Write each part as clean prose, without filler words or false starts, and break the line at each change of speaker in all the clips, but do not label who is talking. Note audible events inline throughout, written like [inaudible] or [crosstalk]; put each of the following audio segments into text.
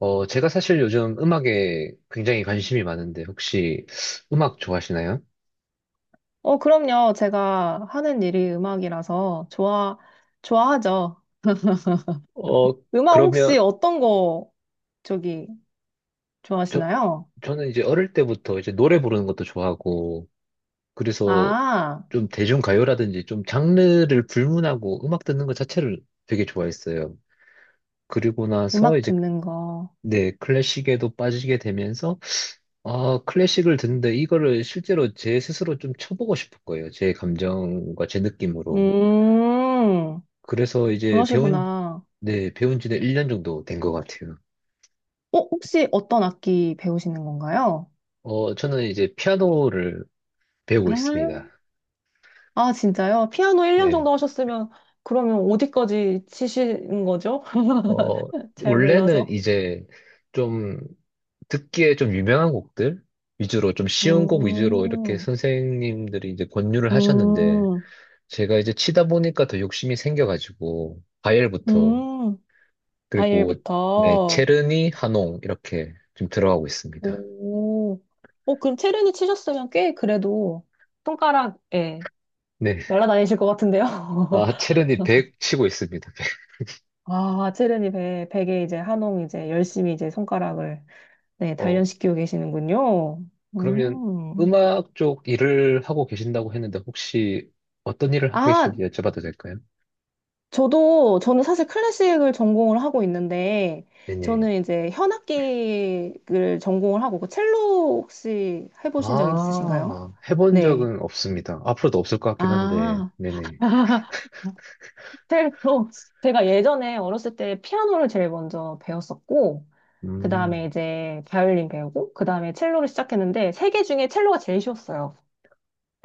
제가 사실 요즘 음악에 굉장히 관심이 많은데, 혹시 음악 좋아하시나요?
그럼요. 제가 하는 일이 음악이라서 좋아하죠.
어,
음악 혹시
그러면,
어떤 거 저기
저,
좋아하시나요?
저는 이제 어릴 때부터 이제 노래 부르는 것도 좋아하고, 그래서
아,
좀 대중가요라든지 좀 장르를 불문하고 음악 듣는 것 자체를 되게 좋아했어요. 그리고 나서
음악
이제,
듣는 거.
네, 클래식에도 빠지게 되면서, 아, 클래식을 듣는데 이거를 실제로 제 스스로 좀 쳐보고 싶은 거예요. 제 감정과 제 느낌으로.
음,
그래서 이제 배운,
그러시구나.
네, 배운 지는 1년 정도 된 것 같아요.
혹시 어떤 악기 배우시는 건가요?
저는 이제 피아노를
아,
배우고 있습니다.
진짜요? 피아노 1년
네.
정도 하셨으면 그러면 어디까지 치시는 거죠?
어,
[laughs] 잘
원래는
몰라서.
이제 좀 듣기에 좀 유명한 곡들 위주로 좀 쉬운 곡 위주로 이렇게
음,
선생님들이 이제 권유를 하셨는데
음,
제가 이제 치다 보니까 더 욕심이 생겨가지고 바이엘부터
음,
그리고 네,
과일부터.
체르니, 하농 이렇게 좀 들어가고 있습니다.
오, 그럼 체르니 치셨으면 꽤 그래도 손가락에
네.
날아다니실 것 같은데요?
아, 체르니
[laughs]
100 치고 있습니다. [laughs]
아, 체르니 베개 이제 한홍 이제 열심히 이제 손가락을 네,
어,
단련시키고 계시는군요.
그러면
음.
음악 쪽 일을 하고 계신다고 했는데 혹시 어떤 일을 하고
아,
계신지 여쭤봐도 될까요?
저는 사실 클래식을 전공을 하고 있는데,
네네.
저는 이제 현악기를 전공을 하고, 그 첼로 혹시 해보신 적 있으신가요?
아, 해본
네.
적은 없습니다. 앞으로도 없을 것 같긴 한데,
아.
네네.
첼로 [laughs] 제가 예전에 어렸을 때 피아노를 제일 먼저 배웠었고 그 다음에
음,
이제 바이올린 배우고 그 다음에 첼로를 시작했는데 세 개 중에 첼로가 제일 쉬웠어요.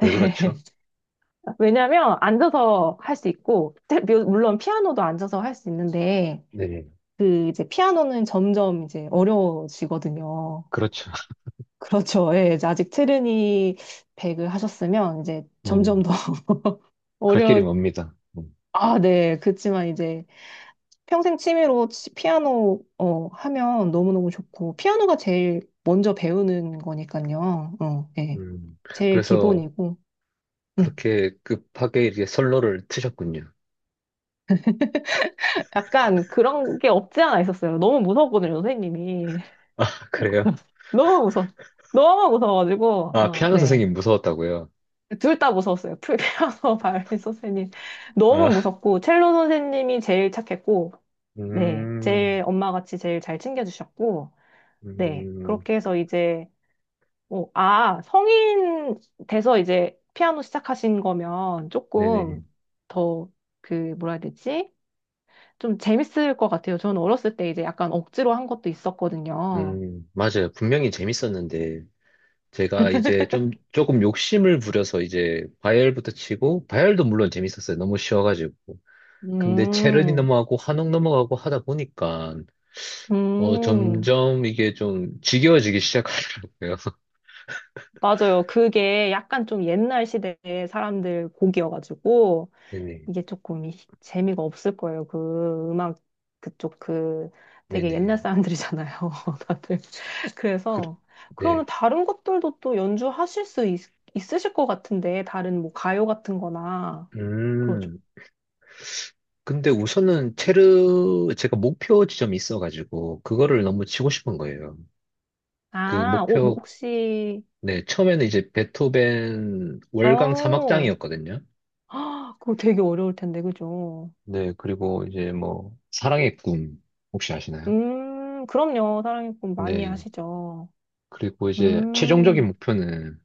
왜 그렇죠?
왜냐하면 앉아서 할 수 있고 물론 피아노도 앉아서 할 수 있는데
네네.
그 이제 피아노는 점점 이제 어려워지거든요.
그렇죠. [laughs]
[laughs] 그렇죠. 예, 이제 아직 트르니 백을 하셨으면 이제
네네.
점점 더 [laughs]
갈 길이
어려.
멉니다. 음.
아, 네. 그렇지만 이제 평생 취미로 피아노 하면 너무너무 좋고 피아노가 제일 먼저 배우는 거니까요. 어, 예.
음.
제일
그래서
기본이고. 음.
그렇게 급하게 이제 선로를 트셨군요.
약간 그런 게 없지 않아 있었어요. 너무 무서웠거든요, 선생님이. [laughs]
아, 그래요?
너무 무서, 너무 무서워가지고,
아,
어,
피아노
네.
선생님 무서웠다고요?
둘 다 무서웠어요. 풀 피아노 [laughs] 바이올린 선생님. 너무
아,
무섭고, 첼로 선생님이 제일 착했고, 네.
음,
제일 엄마같이 제일 잘 챙겨주셨고, 네.
음,
그렇게 해서 이제 성인 돼서 이제 피아노 시작하신 거면
네네.
조금 더 그, 뭐라 해야 되지? 좀 재밌을 것 같아요. 저는 어렸을 때 이제 약간 억지로 한 것도 있었거든요.
맞아요. 분명히 재밌었는데, 제가 이제 좀, 조금 욕심을 부려서 이제 바이엘부터 치고, 바이엘도 물론 재밌었어요. 너무 쉬워가지고. 근데 체르니
음,
넘어가고, 한옥 넘어가고 하다 보니까,
음,
점점 이게 좀 지겨워지기 시작하더라고요. [laughs]
맞아요. 그게 약간 좀 옛날 시대의 사람들 곡이어가지고
네네.
이게 조금 재미가 없을 거예요. 그 음악 그쪽 그 되게
네네.
옛날 사람들이잖아요. [laughs] 다들.
그,
그래서
네.
그러면 다른 것들도 또 연주하실 수 있, 있으실 것 같은데 다른 뭐 가요 같은 거나 그러죠.
음. 근데 우선은 제가 목표 지점이 있어가지고, 그거를 너무 치고 싶은 거예요. 그
아, 뭐
목표
혹시
네, 처음에는 이제 베토벤 월강
어,
3악장이었거든요.
아, 그거 되게 어려울 텐데 그죠?
네, 그리고 이제 뭐 사랑의 꿈 혹시 아시나요?
그럼요. 사랑의 꿈 많이
네,
하시죠.
그리고 이제 최종적인
음,
목표는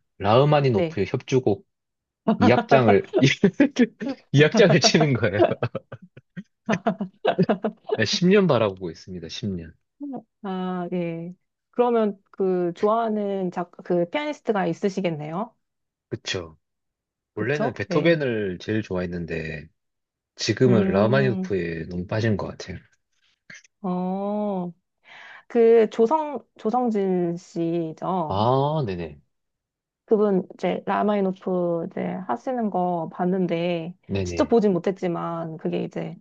네.
라흐마니노프의 협주곡 2악장을 2악장을 [laughs] 치는 거예요.
[laughs]
네, 10년 바라보고 있습니다. 10년.
아, 예. 그러면 그 좋아하는 작, 그 피아니스트가 있으시겠네요.
그쵸. 원래는
그쵸? 네.
베토벤을 제일 좋아했는데 지금은
음,
라흐마니노프에 너무 빠진 것 같아요.
어. 그 조성진 씨죠.
아, 네네.
그분 이제 라마이노프 이제 하시는 거 봤는데 직접
네네.
보진 못했지만 그게 이제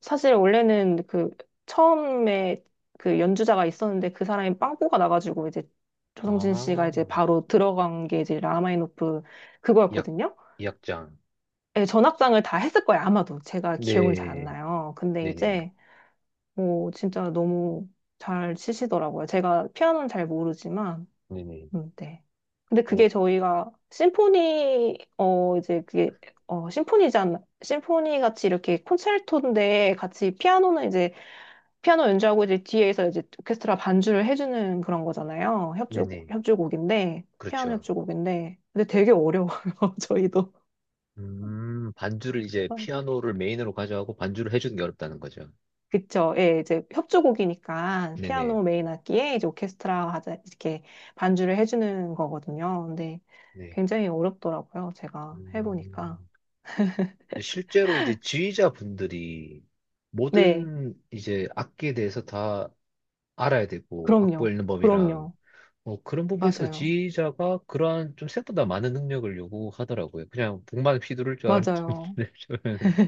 사실 원래는 그 처음에 그 연주자가 있었는데 그 사람이 빵꾸가 나가지고 이제 조성진 씨가
아,
이제 바로 들어간 게 이제 라마이노프
이악
그거였거든요.
2악장.
예, 전악장을 다 했을 거예요, 아마도. 제가 기억은 잘 안
네.
나요. 근데
네네,
이제 뭐 진짜 너무 잘 치시더라고요. 제가 피아노는 잘 모르지만
네네,
네. 근데 그게
어,
저희가 심포니 이제 그게 심포니잖아. 심포니 같이 이렇게 콘체르토인데 같이 피아노는 이제 피아노 연주하고 이제 뒤에서 이제 오케스트라 반주를 해주는 그런 거잖아요. 협주곡
네네,
협주곡인데 피아노
그렇죠.
협주곡인데 근데 되게 어려워요. [laughs] 저희도.
반주를 이제 피아노를 메인으로 가져가고 반주를 해주는 게 어렵다는 거죠.
그쵸. 예, 이제 협주곡이니까
네네,
피아노 메인 악기에 이제 오케스트라 하자 이렇게 반주를 해주는 거거든요. 근데
네.
굉장히 어렵더라고요. 제가
음,
해보니까.
실제로 이제 지휘자분들이
네,
모든 이제 악기에 대해서 다 알아야 되고, 악보
그럼요.
읽는 법이랑,
그럼요.
뭐 그런 부분에서
맞아요.
지휘자가 그러한 좀 생각보다 많은 능력을 요구하더라고요. 그냥 북만 휘두를 줄 알았는데,
맞아요.
[laughs] 저는.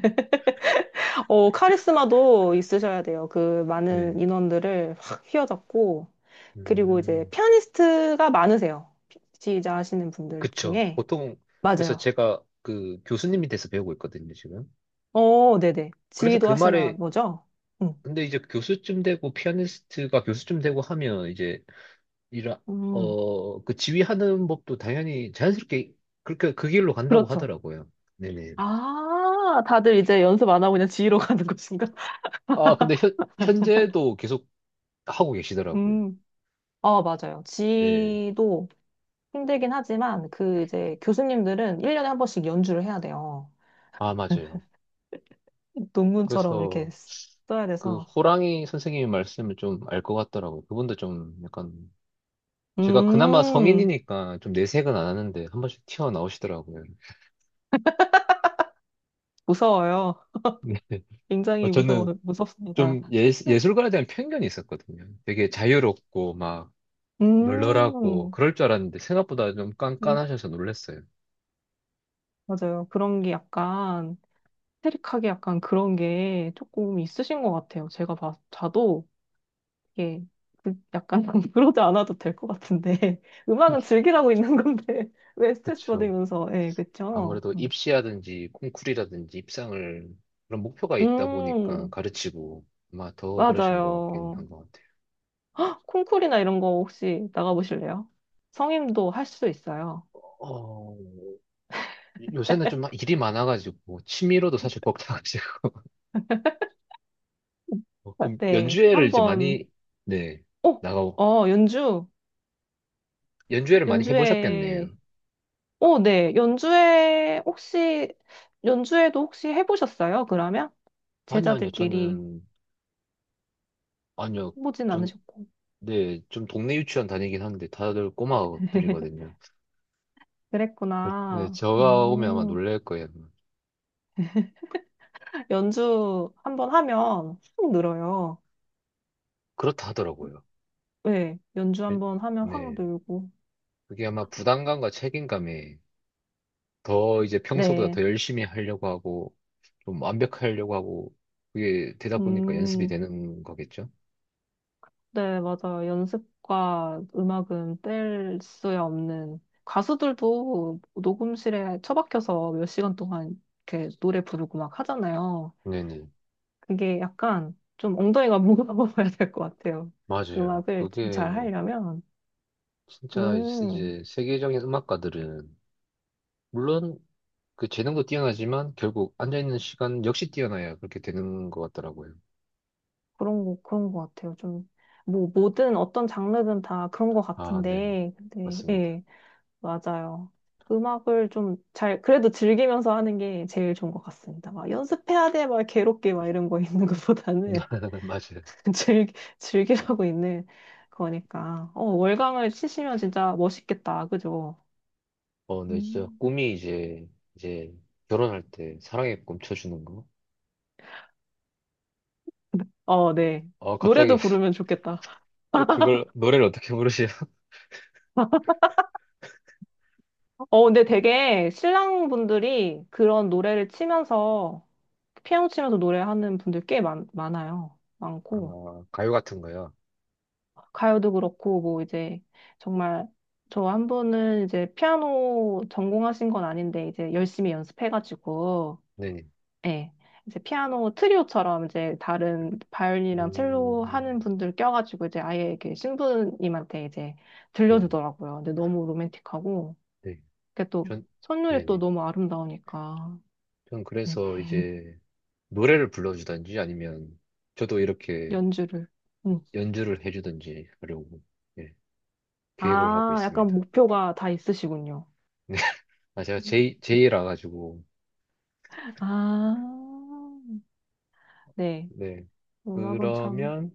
카리스마도 있으셔야 돼요. 그
네.
많은 인원들을 확 휘어잡고, 그리고 이제
음,
피아니스트가 많으세요. 지휘자 하시는 분들
그쵸.
중에.
보통, 그래서
맞아요.
제가 그 교수님이 돼서 배우고 있거든요, 지금.
어, 네네.
그래서
지휘도
그
하시나
말에,
보죠? 응.
근데 이제 교수쯤 되고, 피아니스트가 교수쯤 되고 하면, 이제, 이라,
음,
그 지휘하는 법도 당연히 자연스럽게 그렇게 그 길로 간다고
그렇죠.
하더라고요. 네네.
아, 다들 이제 연습 안 하고 그냥 지휘로 [laughs] 가는 것인가?
아, 근데 현재도 계속 하고 계시더라고요.
음, 맞아요.
네.
지도 휘 힘들긴 하지만, 그 이제 교수님들은 1년에 한 번씩 연주를 해야 돼요.
아, 맞아요.
[laughs] 논문처럼
그래서
이렇게 써야
그
돼서.
호랑이 선생님의 말씀을 좀 알 것 같더라고요. 그분도 좀 약간 제가 그나마
음,
성인이니까 좀 내색은 안 하는데 한 번씩 튀어나오시더라고요.
무서워요.
네.
굉장히
저는
무섭습니다.
좀 예술가에 대한 편견이 있었거든요. 되게 자유롭고 막 널널하고
음,
그럴 줄 알았는데 생각보다 좀
음,
깐깐하셔서 놀랐어요.
맞아요. 그런 게 약간, 스테릭하게 약간 그런 게 조금 있으신 것 같아요. 제가 봐, 자도 이게 약간 [laughs] 그러지 않아도 될 것 같은데. [laughs] 음악은 즐기라고 있는 건데, [laughs] 왜 스트레스
그쵸.
받으면서, 예, 그쵸?
아무래도 입시라든지 콩쿨이라든지 입상을 그런 목표가 있다 보니까
음,
가르치고 아마 더 그러신 것 같긴
맞아요.
한 것 같아요.
헉, 콩쿨이나 이런 거 혹시 나가보실래요? 성임도 할 수 있어요.
어, 요새는 좀 일이 많아가지고 취미로도 사실 [laughs] 먹다가 그럼
네,
연주회를 이제
한번,
많이, 네,
어,
나가고,
어, 연주,
연주회를 많이 해보셨겠네요.
연주회, 네, 연주회, 혹시, 연주회도 혹시 해보셨어요? 그러면?
아니요, 아니요,
제자들끼리
저는, 아니요,
해보진
전,
않으셨고.
네, 좀 동네 유치원 다니긴 하는데 다들
[laughs]
꼬마들이거든요. 네,
그랬구나.
제가 오면 아마 놀랄 거예요.
연주 한 번 하면 확 늘어요.
그렇다 하더라고요.
네, 연주
네,
한 번 하면 확
네.
늘고.
그게 아마 부담감과 책임감에 더 이제 평소보다 더
네,
열심히 하려고 하고, 좀 완벽하려고 하고, 그게 되다 보니까 연습이
음.
되는 거겠죠?
네, 맞아요. 연습과 음악은 뗄 수야 없는 가수들도 녹음실에 처박혀서 몇 시간 동안 이렇게 노래 부르고 막 하잖아요.
네네.
그게 약간 좀 엉덩이가 무거워야 [laughs] 될 것 같아요.
맞아요.
음악을 좀 잘
그게
하려면
진짜
음
이제 세계적인 음악가들은 물론 그 재능도 뛰어나지만 결국 앉아있는 시간 역시 뛰어나야 그렇게 되는 것 같더라고요.
그런 거 그런 것 같아요. 좀 뭐 뭐든 어떤 장르든 다 그런 것
아, 네.
같은데 근데
맞습니다.
예. 맞아요. 음악을 좀 잘, 그래도 즐기면서 하는 게 제일 좋은 것 같습니다. 막 연습해야 돼, 막 괴롭게 막 이런 거 있는 것보다는
[laughs] 맞아요.
[laughs] 즐, 즐기라고 있는 거니까. 월광을 치시면 진짜 멋있겠다. 그죠?
네, 진짜
음.
꿈이 이제 결혼할 때 사랑에 꿈쳐주는 거.
어, 네.
갑자기
노래도 부르면 좋겠다.
[laughs] 그걸 노래를 어떻게 부르시나?
근데 되게 신랑분들이 그런 노래를 치면서, 피아노 치면서 노래하는 분들 꽤 많, 많아요. 많고.
아, 가요 같은 거요.
가요도 그렇고, 뭐 이제 정말 저 한 분은 이제 피아노 전공하신 건 아닌데 이제 열심히 연습해가지고,
네네.
예. 이제 피아노 트리오처럼 이제 다른 바이올린이랑 첼로
음,
하는 분들 껴가지고 이제 아예 이렇게 신부님한테 이제
네네.
들려주더라고요. 근데 너무 로맨틱하고,
네.
그게 또
전,
선율이 또
네네.
너무 아름다우니까,
전
음,
그래서
[laughs]
이제 노래를 불러주든지 아니면 저도 이렇게
연주를. 음.
연주를 해주든지 하려고 예, 계획을 하고
아, 약간
있습니다.
목표가 다 있으시군요.
네. [laughs] 아, 제가 제이라 가지고
아, 네.
네.
음악은 참.
그러면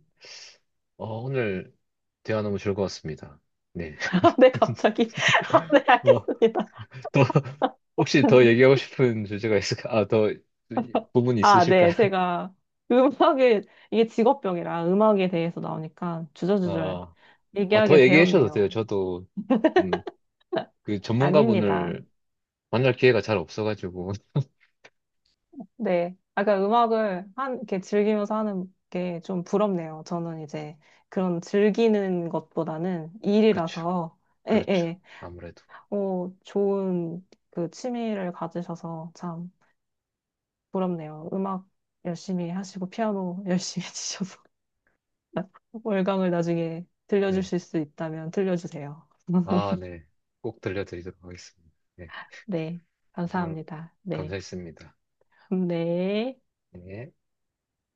오늘 대화 너무 즐거웠습니다. 네.
[laughs] 아, 네,
[laughs]
갑자기. [laughs] 아, 네,
어,
알겠습니다.
더 혹시 더 얘기하고 싶은 주제가 있을까? 아, 더 부분이
아,
있으실까요?
네,
[laughs]
제가 음악에, 이게 직업병이라 음악에 대해서 나오니까 주저주절
아, 아,
얘기하게
더 얘기해 주셔도 돼요.
되었네요.
저도 좀 그
아닙니다.
전문가분을 만날 기회가 잘 없어가지고
네. 아까 음악을 한, 이렇게 즐기면서 하는 게 좀 부럽네요. 저는 이제 그런 즐기는 것보다는
[laughs] 그렇죠,
일이라서, 예,
그렇죠.
예.
아무래도
좋은 그 취미를 가지셔서 참 부럽네요. 음악 열심히 하시고, 피아노 열심히 [laughs] 치셔서. 월광을 나중에
네,
들려주실 수 있다면 들려주세요.
아,
[laughs]
네, 꼭 들려드리도록 하겠습니다. 네,
네,
오늘
감사합니다. 네,
감사했습니다.
[laughs] 네.
네.